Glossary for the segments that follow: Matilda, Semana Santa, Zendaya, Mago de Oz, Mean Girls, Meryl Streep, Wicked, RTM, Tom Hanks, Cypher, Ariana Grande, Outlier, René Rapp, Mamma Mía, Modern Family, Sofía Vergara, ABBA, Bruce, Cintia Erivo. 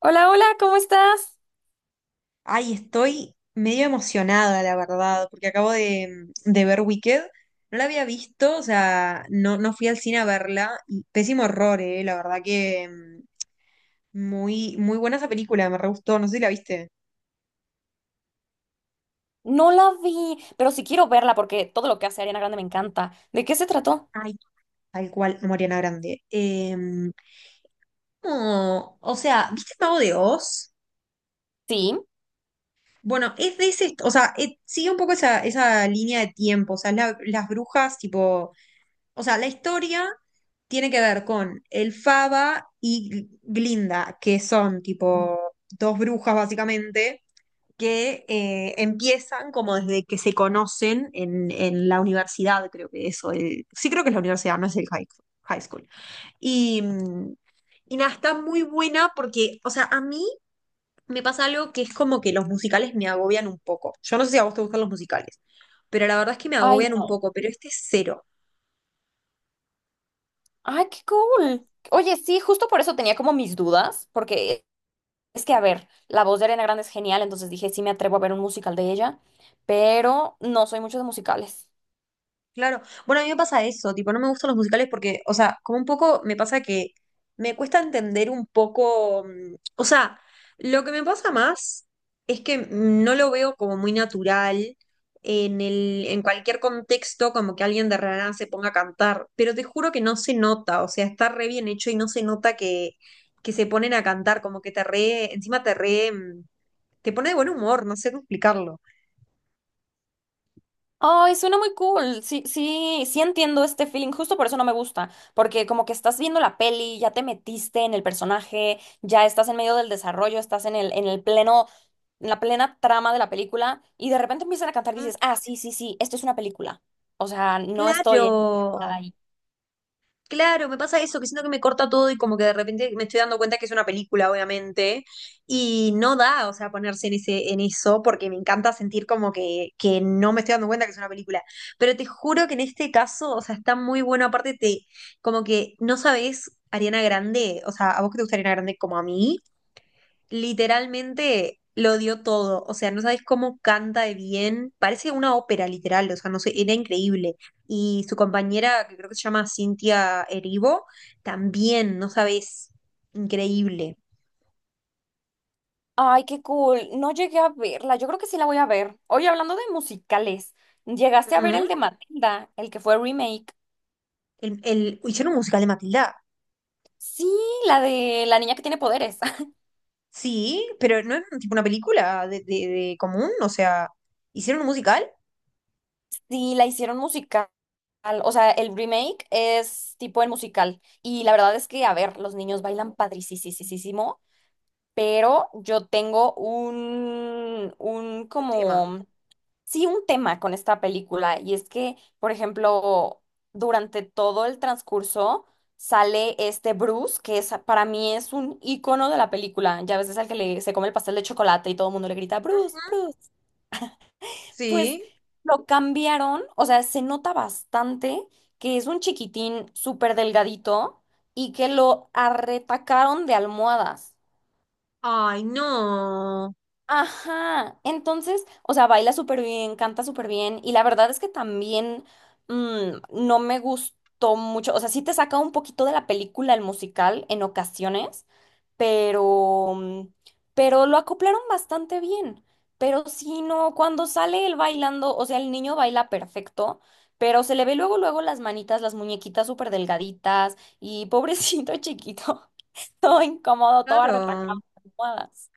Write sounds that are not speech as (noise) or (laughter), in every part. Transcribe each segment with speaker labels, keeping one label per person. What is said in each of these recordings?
Speaker 1: Hola, hola, ¿cómo estás?
Speaker 2: Ay, estoy medio emocionada, la verdad, porque acabo de ver Wicked. No la había visto, o sea, no fui al cine a verla. Y pésimo horror, la verdad que muy, muy buena esa película, me re gustó, no sé si la viste.
Speaker 1: No la vi, pero sí quiero verla porque todo lo que hace Ariana Grande me encanta. ¿De qué se trató?
Speaker 2: Ay, tal cual, Mariana Grande. No, o sea, ¿viste el Mago de Oz?
Speaker 1: Sí.
Speaker 2: Bueno, es de ese, o sea, sigue un poco esa, esa línea de tiempo, o sea, las brujas, tipo. O sea, la historia tiene que ver con el Faba y Glinda, que son tipo dos brujas básicamente, que empiezan como desde que se conocen en la universidad, creo que eso, sí creo que es la universidad, no es el high, high school. Y, y nada, está muy buena porque, o sea, a mí me pasa algo que es como que los musicales me agobian un poco. Yo no sé si a vos te gustan los musicales, pero la verdad es que me
Speaker 1: Ay,
Speaker 2: agobian un
Speaker 1: no.
Speaker 2: poco, pero este es cero.
Speaker 1: Ay, qué cool. Oye, sí, justo por eso tenía como mis dudas, porque es que, a ver, la voz de Ariana Grande es genial, entonces dije, sí me atrevo a ver un musical de ella, pero no soy mucho de musicales.
Speaker 2: Claro. Bueno, a mí me pasa eso, tipo, no me gustan los musicales porque, o sea, como un poco me pasa que me cuesta entender un poco, o sea, lo que me pasa más es que no lo veo como muy natural en el, en cualquier contexto, como que alguien de la nada se ponga a cantar, pero te juro que no se nota, o sea, está re bien hecho y no se nota que se ponen a cantar, como que te re, encima te re, te pone de buen humor, no sé cómo explicarlo.
Speaker 1: Ay, suena muy cool. Sí, sí, sí entiendo este feeling. Justo por eso no me gusta, porque como que estás viendo la peli, ya te metiste en el personaje, ya estás en medio del desarrollo, estás en el pleno en la plena trama de la película y de repente empiezan a cantar y
Speaker 2: Mm,
Speaker 1: dices, ah, sí, sí, sí, esto es una película. O sea, no
Speaker 2: Claro.
Speaker 1: estoy en- ahí.
Speaker 2: Claro, me pasa eso, que siento que me corta todo y como que de repente me estoy dando cuenta que es una película, obviamente, y no da, o sea, ponerse en ese, en eso, porque me encanta sentir como que no me estoy dando cuenta que es una película. Pero te juro que en este caso, o sea, está muy bueno, aparte te, como que no sabes Ariana Grande, o sea, a vos que te gusta Ariana Grande como a mí, literalmente lo dio todo. O sea, no sabes cómo canta de bien. Parece una ópera, literal. O sea, no sé, era increíble. Y su compañera, que creo que se llama Cintia Erivo, también, no sabes, increíble.
Speaker 1: Ay, qué cool. No llegué a verla. Yo creo que sí la voy a ver. Oye, hablando de musicales, ¿llegaste a ver el
Speaker 2: Ujú.
Speaker 1: de Matilda, el que fue remake?
Speaker 2: Hicieron un musical de Matilda.
Speaker 1: Sí, la de la niña que tiene poderes. (laughs)
Speaker 2: Sí, pero no es tipo una película de común. O sea, hicieron un musical,
Speaker 1: Sí, la hicieron musical. O sea, el remake es tipo el musical. Y la verdad es que, a ver, los niños bailan padricísimo, pero yo tengo un
Speaker 2: un tema.
Speaker 1: como sí un tema con esta película y es que, por ejemplo, durante todo el transcurso sale este Bruce, que es, para mí es un icono de la película. Ya a veces al que le, se come el pastel de chocolate y todo el mundo le grita, Bruce,
Speaker 2: Ujú.
Speaker 1: Bruce. Pues
Speaker 2: Sí.
Speaker 1: lo cambiaron, o sea, se nota bastante que es un chiquitín súper delgadito y que lo arretacaron de almohadas.
Speaker 2: Ay, no.
Speaker 1: Ajá, entonces, o sea, baila súper bien, canta súper bien y la verdad es que también no me gustó mucho, o sea, sí te saca un poquito de la película el musical en ocasiones, pero, pero lo acoplaron bastante bien, pero sí, no, cuando sale él bailando, o sea, el niño baila perfecto, pero se le ve luego, luego las manitas, las muñequitas súper delgaditas y pobrecito chiquito, (laughs) todo incómodo, todo arretacado
Speaker 2: Claro.
Speaker 1: en almohadas.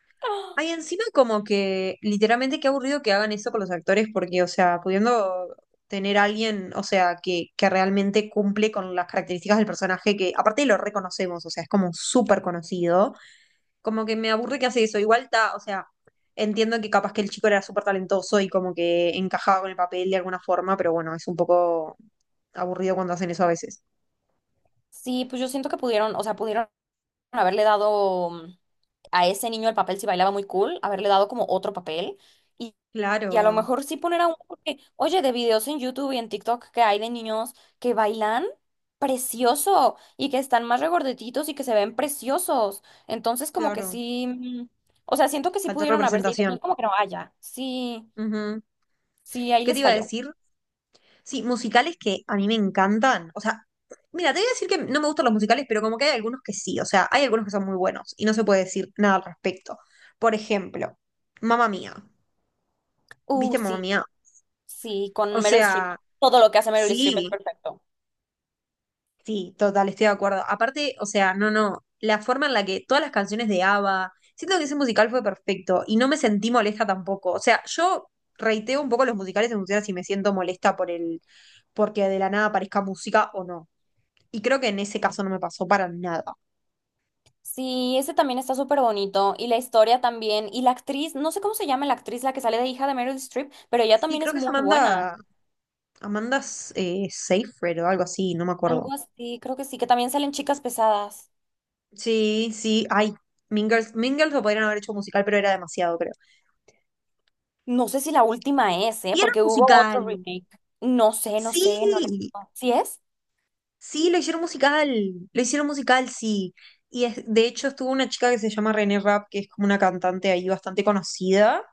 Speaker 2: Ay, encima como que literalmente qué aburrido que hagan eso con los actores, porque, o sea, pudiendo tener a alguien, o sea, que realmente cumple con las características del personaje, que aparte lo reconocemos, o sea, es como súper conocido, como que me aburre que hace eso. Igual está, o sea, entiendo que capaz que el chico era súper talentoso y como que encajaba con el papel de alguna forma, pero bueno, es un poco aburrido cuando hacen eso a veces.
Speaker 1: Sí, pues yo siento que pudieron, o sea, pudieron haberle dado a ese niño el papel si bailaba muy cool, haberle dado como otro papel y, y a lo
Speaker 2: Claro,
Speaker 1: mejor sí poner a un, porque, oye, de videos en YouTube y en TikTok que hay de niños que bailan precioso y que están más regordetitos y que se ven preciosos. Entonces, como que
Speaker 2: claro,
Speaker 1: sí, o sea, siento que sí
Speaker 2: faltó
Speaker 1: pudieron haberse ido, no es
Speaker 2: representación.
Speaker 1: como que no haya, sí,
Speaker 2: Ujú.
Speaker 1: sí, ahí
Speaker 2: ¿Qué te
Speaker 1: les
Speaker 2: iba a
Speaker 1: falló.
Speaker 2: decir? Sí, musicales que a mí me encantan. O sea, mira, te voy a decir que no me gustan los musicales, pero como que hay algunos que sí. O sea, hay algunos que son muy buenos y no se puede decir nada al respecto. Por ejemplo, Mamma Mía. ¿Viste Mamma
Speaker 1: Sí,
Speaker 2: Mía?
Speaker 1: sí, con
Speaker 2: O
Speaker 1: Meryl Streep.
Speaker 2: sea,
Speaker 1: Todo lo que hace Meryl Streep es
Speaker 2: sí.
Speaker 1: perfecto.
Speaker 2: Sí, total, estoy de acuerdo. Aparte, o sea, no, la forma en la que todas las canciones de ABBA, siento que ese musical fue perfecto y no me sentí molesta tampoco. O sea, yo reiteo un poco los musicales en función a si me siento molesta por el, porque de la nada aparezca música o no. Y creo que en ese caso no me pasó para nada.
Speaker 1: Sí, ese también está súper bonito. Y la historia también. Y la actriz, no sé cómo se llama la actriz, la que sale de hija de Meryl Streep, pero ella
Speaker 2: Sí,
Speaker 1: también
Speaker 2: creo
Speaker 1: es
Speaker 2: que es
Speaker 1: muy buena.
Speaker 2: Amanda, Amanda Seyfried o algo así, no me
Speaker 1: Algo
Speaker 2: acuerdo.
Speaker 1: así, creo que sí, que también salen chicas pesadas.
Speaker 2: Sí, sí, ay, Mean Girls, Mean Girls lo podrían haber hecho musical, pero era demasiado, creo.
Speaker 1: No sé si la última es, ¿eh?
Speaker 2: Y era
Speaker 1: Porque
Speaker 2: un
Speaker 1: hubo otro
Speaker 2: musical.
Speaker 1: remake. No sé, no sé, no
Speaker 2: Sí,
Speaker 1: la... ¿Sí es?
Speaker 2: sí, lo hicieron musical, sí. De hecho estuvo una chica que se llama René Rapp, que es como una cantante ahí bastante conocida.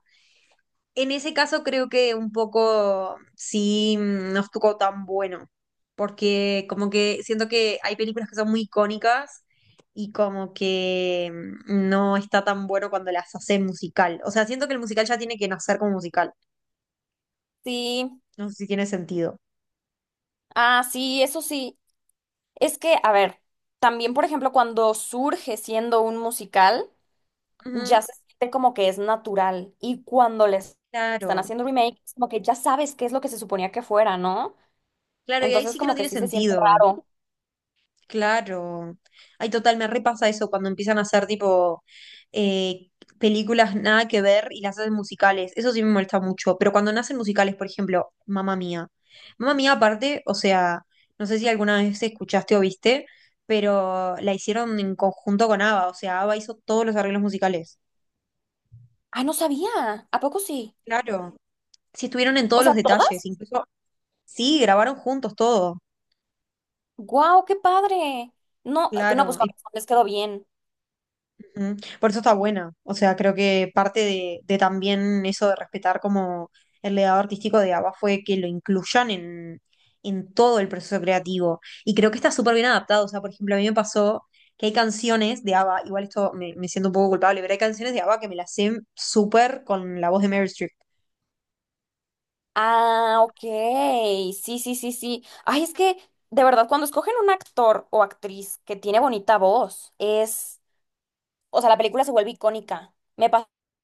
Speaker 2: En ese caso creo que un poco sí no estuvo tan bueno, porque como que siento que hay películas que son muy icónicas y como que no está tan bueno cuando las hacen musical. O sea, siento que el musical ya tiene que nacer como musical.
Speaker 1: Sí.
Speaker 2: No sé si tiene sentido.
Speaker 1: Ah, sí, eso sí. Es que, a ver, también, por ejemplo, cuando surge siendo un musical.
Speaker 2: Ujú.
Speaker 1: Ya se siente como que es natural. Y cuando les están
Speaker 2: Claro,
Speaker 1: haciendo remake, es como que ya sabes qué es lo que se suponía que fuera, ¿no?
Speaker 2: claro, y ahí
Speaker 1: Entonces
Speaker 2: sí que no
Speaker 1: como que
Speaker 2: tiene
Speaker 1: sí se siente
Speaker 2: sentido.
Speaker 1: raro.
Speaker 2: Claro. Ay, total, me repasa eso cuando empiezan a hacer tipo eh, películas nada que ver y las hacen musicales. Eso sí me molesta mucho. Pero cuando nacen musicales, por ejemplo, Mamma Mía. Mamma Mía, aparte, o sea, no sé si alguna vez escuchaste o viste, pero la hicieron en conjunto con ABBA. O sea, ABBA hizo todos los arreglos musicales.
Speaker 1: Ah, no sabía. ¿A poco sí?
Speaker 2: Claro. Sí, estuvieron en
Speaker 1: O
Speaker 2: todos los
Speaker 1: sea,
Speaker 2: detalles.
Speaker 1: ¿todas?
Speaker 2: Incluso, sí, grabaron juntos todo.
Speaker 1: ¡Guau, qué padre! No, no, pues
Speaker 2: Claro.
Speaker 1: con razón les quedó bien.
Speaker 2: Mm, Por eso está buena. O sea, creo que parte de también eso de respetar como el legado artístico de ABBA fue que lo incluyan en todo el proceso creativo. Y creo que está súper bien adaptado. O sea, por ejemplo, a mí me pasó que hay canciones de ABBA, igual esto me siento un poco culpable, pero hay canciones de ABBA que me las sé súper con la voz de Meryl Streep.
Speaker 1: Ah, ok. Sí, sí, sí, sí. Ay, es que, de verdad, cuando escogen un actor o actriz que tiene bonita voz, es... O sea, la película se vuelve icónica. Me pasó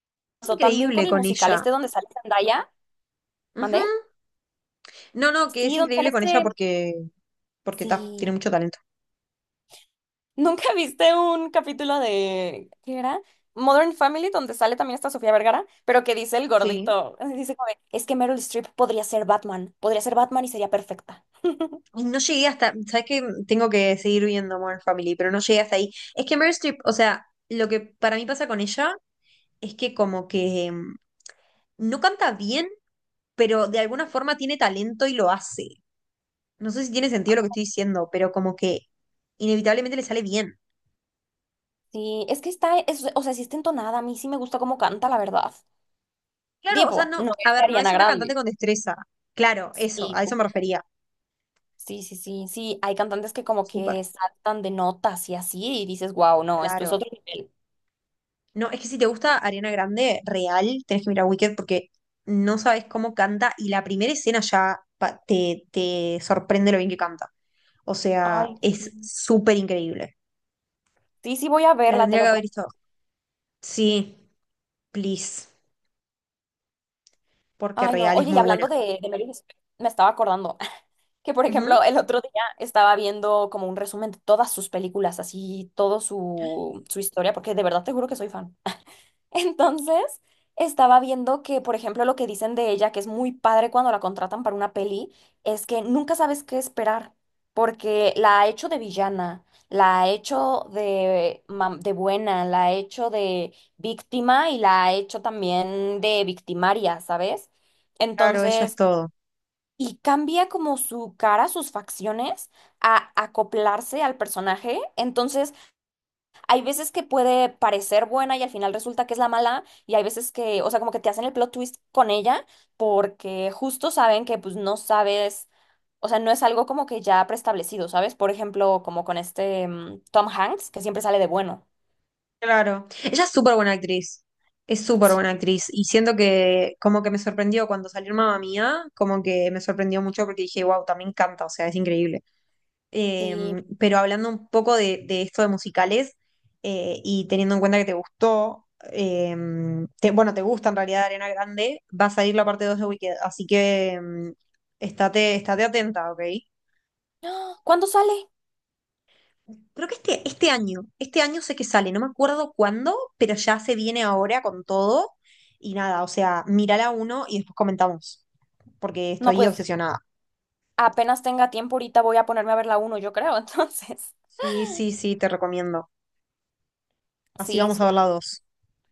Speaker 1: también con
Speaker 2: Increíble
Speaker 1: el
Speaker 2: con
Speaker 1: musical
Speaker 2: ella.
Speaker 1: este donde sale Zendaya.
Speaker 2: Ujú.
Speaker 1: ¿Mandé?
Speaker 2: No, no, que es
Speaker 1: Sí, ¿dónde sale
Speaker 2: increíble con ella
Speaker 1: este?
Speaker 2: porque, porque tiene
Speaker 1: Sí.
Speaker 2: mucho talento.
Speaker 1: (laughs) ¿Nunca viste un capítulo de... ¿Qué era? Modern Family, donde sale también esta Sofía Vergara, pero que dice el
Speaker 2: Sí.
Speaker 1: gordito. (laughs) Dice como, de, es que Meryl Streep podría ser Batman y sería perfecta.
Speaker 2: Ay, no llegué hasta, sabes que tengo que seguir viendo Modern Family, pero no llegué hasta ahí. Es que Meryl Streep, o sea, lo que para mí pasa con ella es que como que no canta bien, pero de alguna forma tiene talento y lo hace. No sé si tiene sentido lo que estoy diciendo, pero como que inevitablemente le sale bien.
Speaker 1: Sí, es que está, es- o sea, sí está entonada, a mí sí me gusta cómo canta, la verdad.
Speaker 2: Claro, o sea,
Speaker 1: Tipo,
Speaker 2: no,
Speaker 1: no
Speaker 2: a
Speaker 1: es
Speaker 2: ver, no es
Speaker 1: Ariana
Speaker 2: una cantante
Speaker 1: Grande.
Speaker 2: con destreza. Claro, eso,
Speaker 1: Sí,
Speaker 2: a eso me
Speaker 1: justo.
Speaker 2: refería.
Speaker 1: Sí, sí, sí, sí, hay cantantes que como
Speaker 2: Súper.
Speaker 1: que saltan de notas y así, y dices, wow, no, esto es
Speaker 2: Claro.
Speaker 1: otro nivel.
Speaker 2: No, es que si te gusta Ariana Grande, real, tenés que mirar Wicked porque no sabes cómo canta y la primera escena ya te, te sorprende lo bien que canta. O sea,
Speaker 1: Ay, sí.
Speaker 2: es súper increíble.
Speaker 1: Sí, sí, voy a
Speaker 2: La
Speaker 1: verla, te
Speaker 2: tendría que
Speaker 1: lo
Speaker 2: haber
Speaker 1: prometo.
Speaker 2: visto. Sí, please, porque
Speaker 1: Ay, no.
Speaker 2: real es
Speaker 1: Oye, y
Speaker 2: muy buena.
Speaker 1: hablando de Meryl Streep, me estaba acordando (laughs) que, por
Speaker 2: Ujú.
Speaker 1: ejemplo, el otro día estaba viendo como un resumen de todas sus películas, así, todo su, su historia, porque de verdad te juro que soy fan. (laughs) Entonces, estaba viendo que, por ejemplo, lo que dicen de ella, que es muy padre cuando la contratan para una peli, es que nunca sabes qué esperar, porque la ha hecho de villana, la ha hecho de, mam- de buena, la ha hecho de víctima y la ha hecho también de victimaria, ¿sabes?
Speaker 2: Claro, ella es
Speaker 1: Entonces,
Speaker 2: todo.
Speaker 1: y cambia como su cara, sus facciones, a acoplarse al personaje. Entonces, hay veces que puede parecer buena y al final resulta que es la mala, y hay veces que, o sea, como que te hacen el plot twist con ella porque justo saben que pues no sabes, o sea, no es algo como que ya preestablecido, ¿sabes? Por ejemplo, como con este Tom Hanks, que siempre sale de bueno.
Speaker 2: Claro. Ella es súper buena actriz. Es súper buena
Speaker 1: Sí,
Speaker 2: actriz. Y siento que como que me sorprendió cuando salió Mamma Mía, como que me sorprendió mucho porque dije, wow, también canta, o sea, es increíble. Eh,
Speaker 1: sí.
Speaker 2: pero hablando un poco de esto de musicales y teniendo en cuenta que te gustó, eh, bueno, te gusta en realidad Arena Grande, va a salir la parte 2 de Wicked, así que estate, estate atenta, ¿ok?
Speaker 1: (gasps) ¡Ah! ¿Cuándo sale?
Speaker 2: Creo que este, este año sé que sale, no me acuerdo cuándo, pero ya se viene ahora con todo y nada, o sea, mírala uno y después comentamos, porque
Speaker 1: No,
Speaker 2: estoy
Speaker 1: pues
Speaker 2: obsesionada.
Speaker 1: apenas tenga tiempo ahorita voy a ponerme a ver la uno, yo creo, (laughs) entonces.
Speaker 2: Sí, sí, sí, te recomiendo. Así
Speaker 1: Sí,
Speaker 2: vamos
Speaker 1: sí.
Speaker 2: a ver la dos.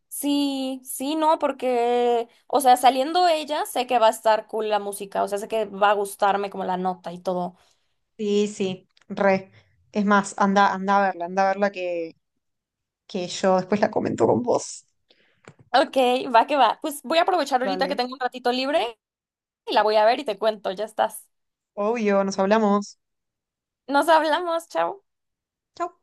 Speaker 1: Sí, sí, no, porque, o sea, saliendo ella, sé que va a estar cool la música, o sea, sé que va a gustarme como la nota y todo.
Speaker 2: Sí, sí, re. Es más, anda, anda a verla que yo después la comento con vos.
Speaker 1: Ok, va que va. Pues voy a aprovechar ahorita que
Speaker 2: Vale.
Speaker 1: tengo un ratito libre y la voy a ver y te cuento, ya estás.
Speaker 2: Obvio, nos hablamos.
Speaker 1: Nos hablamos, chao.
Speaker 2: Chau.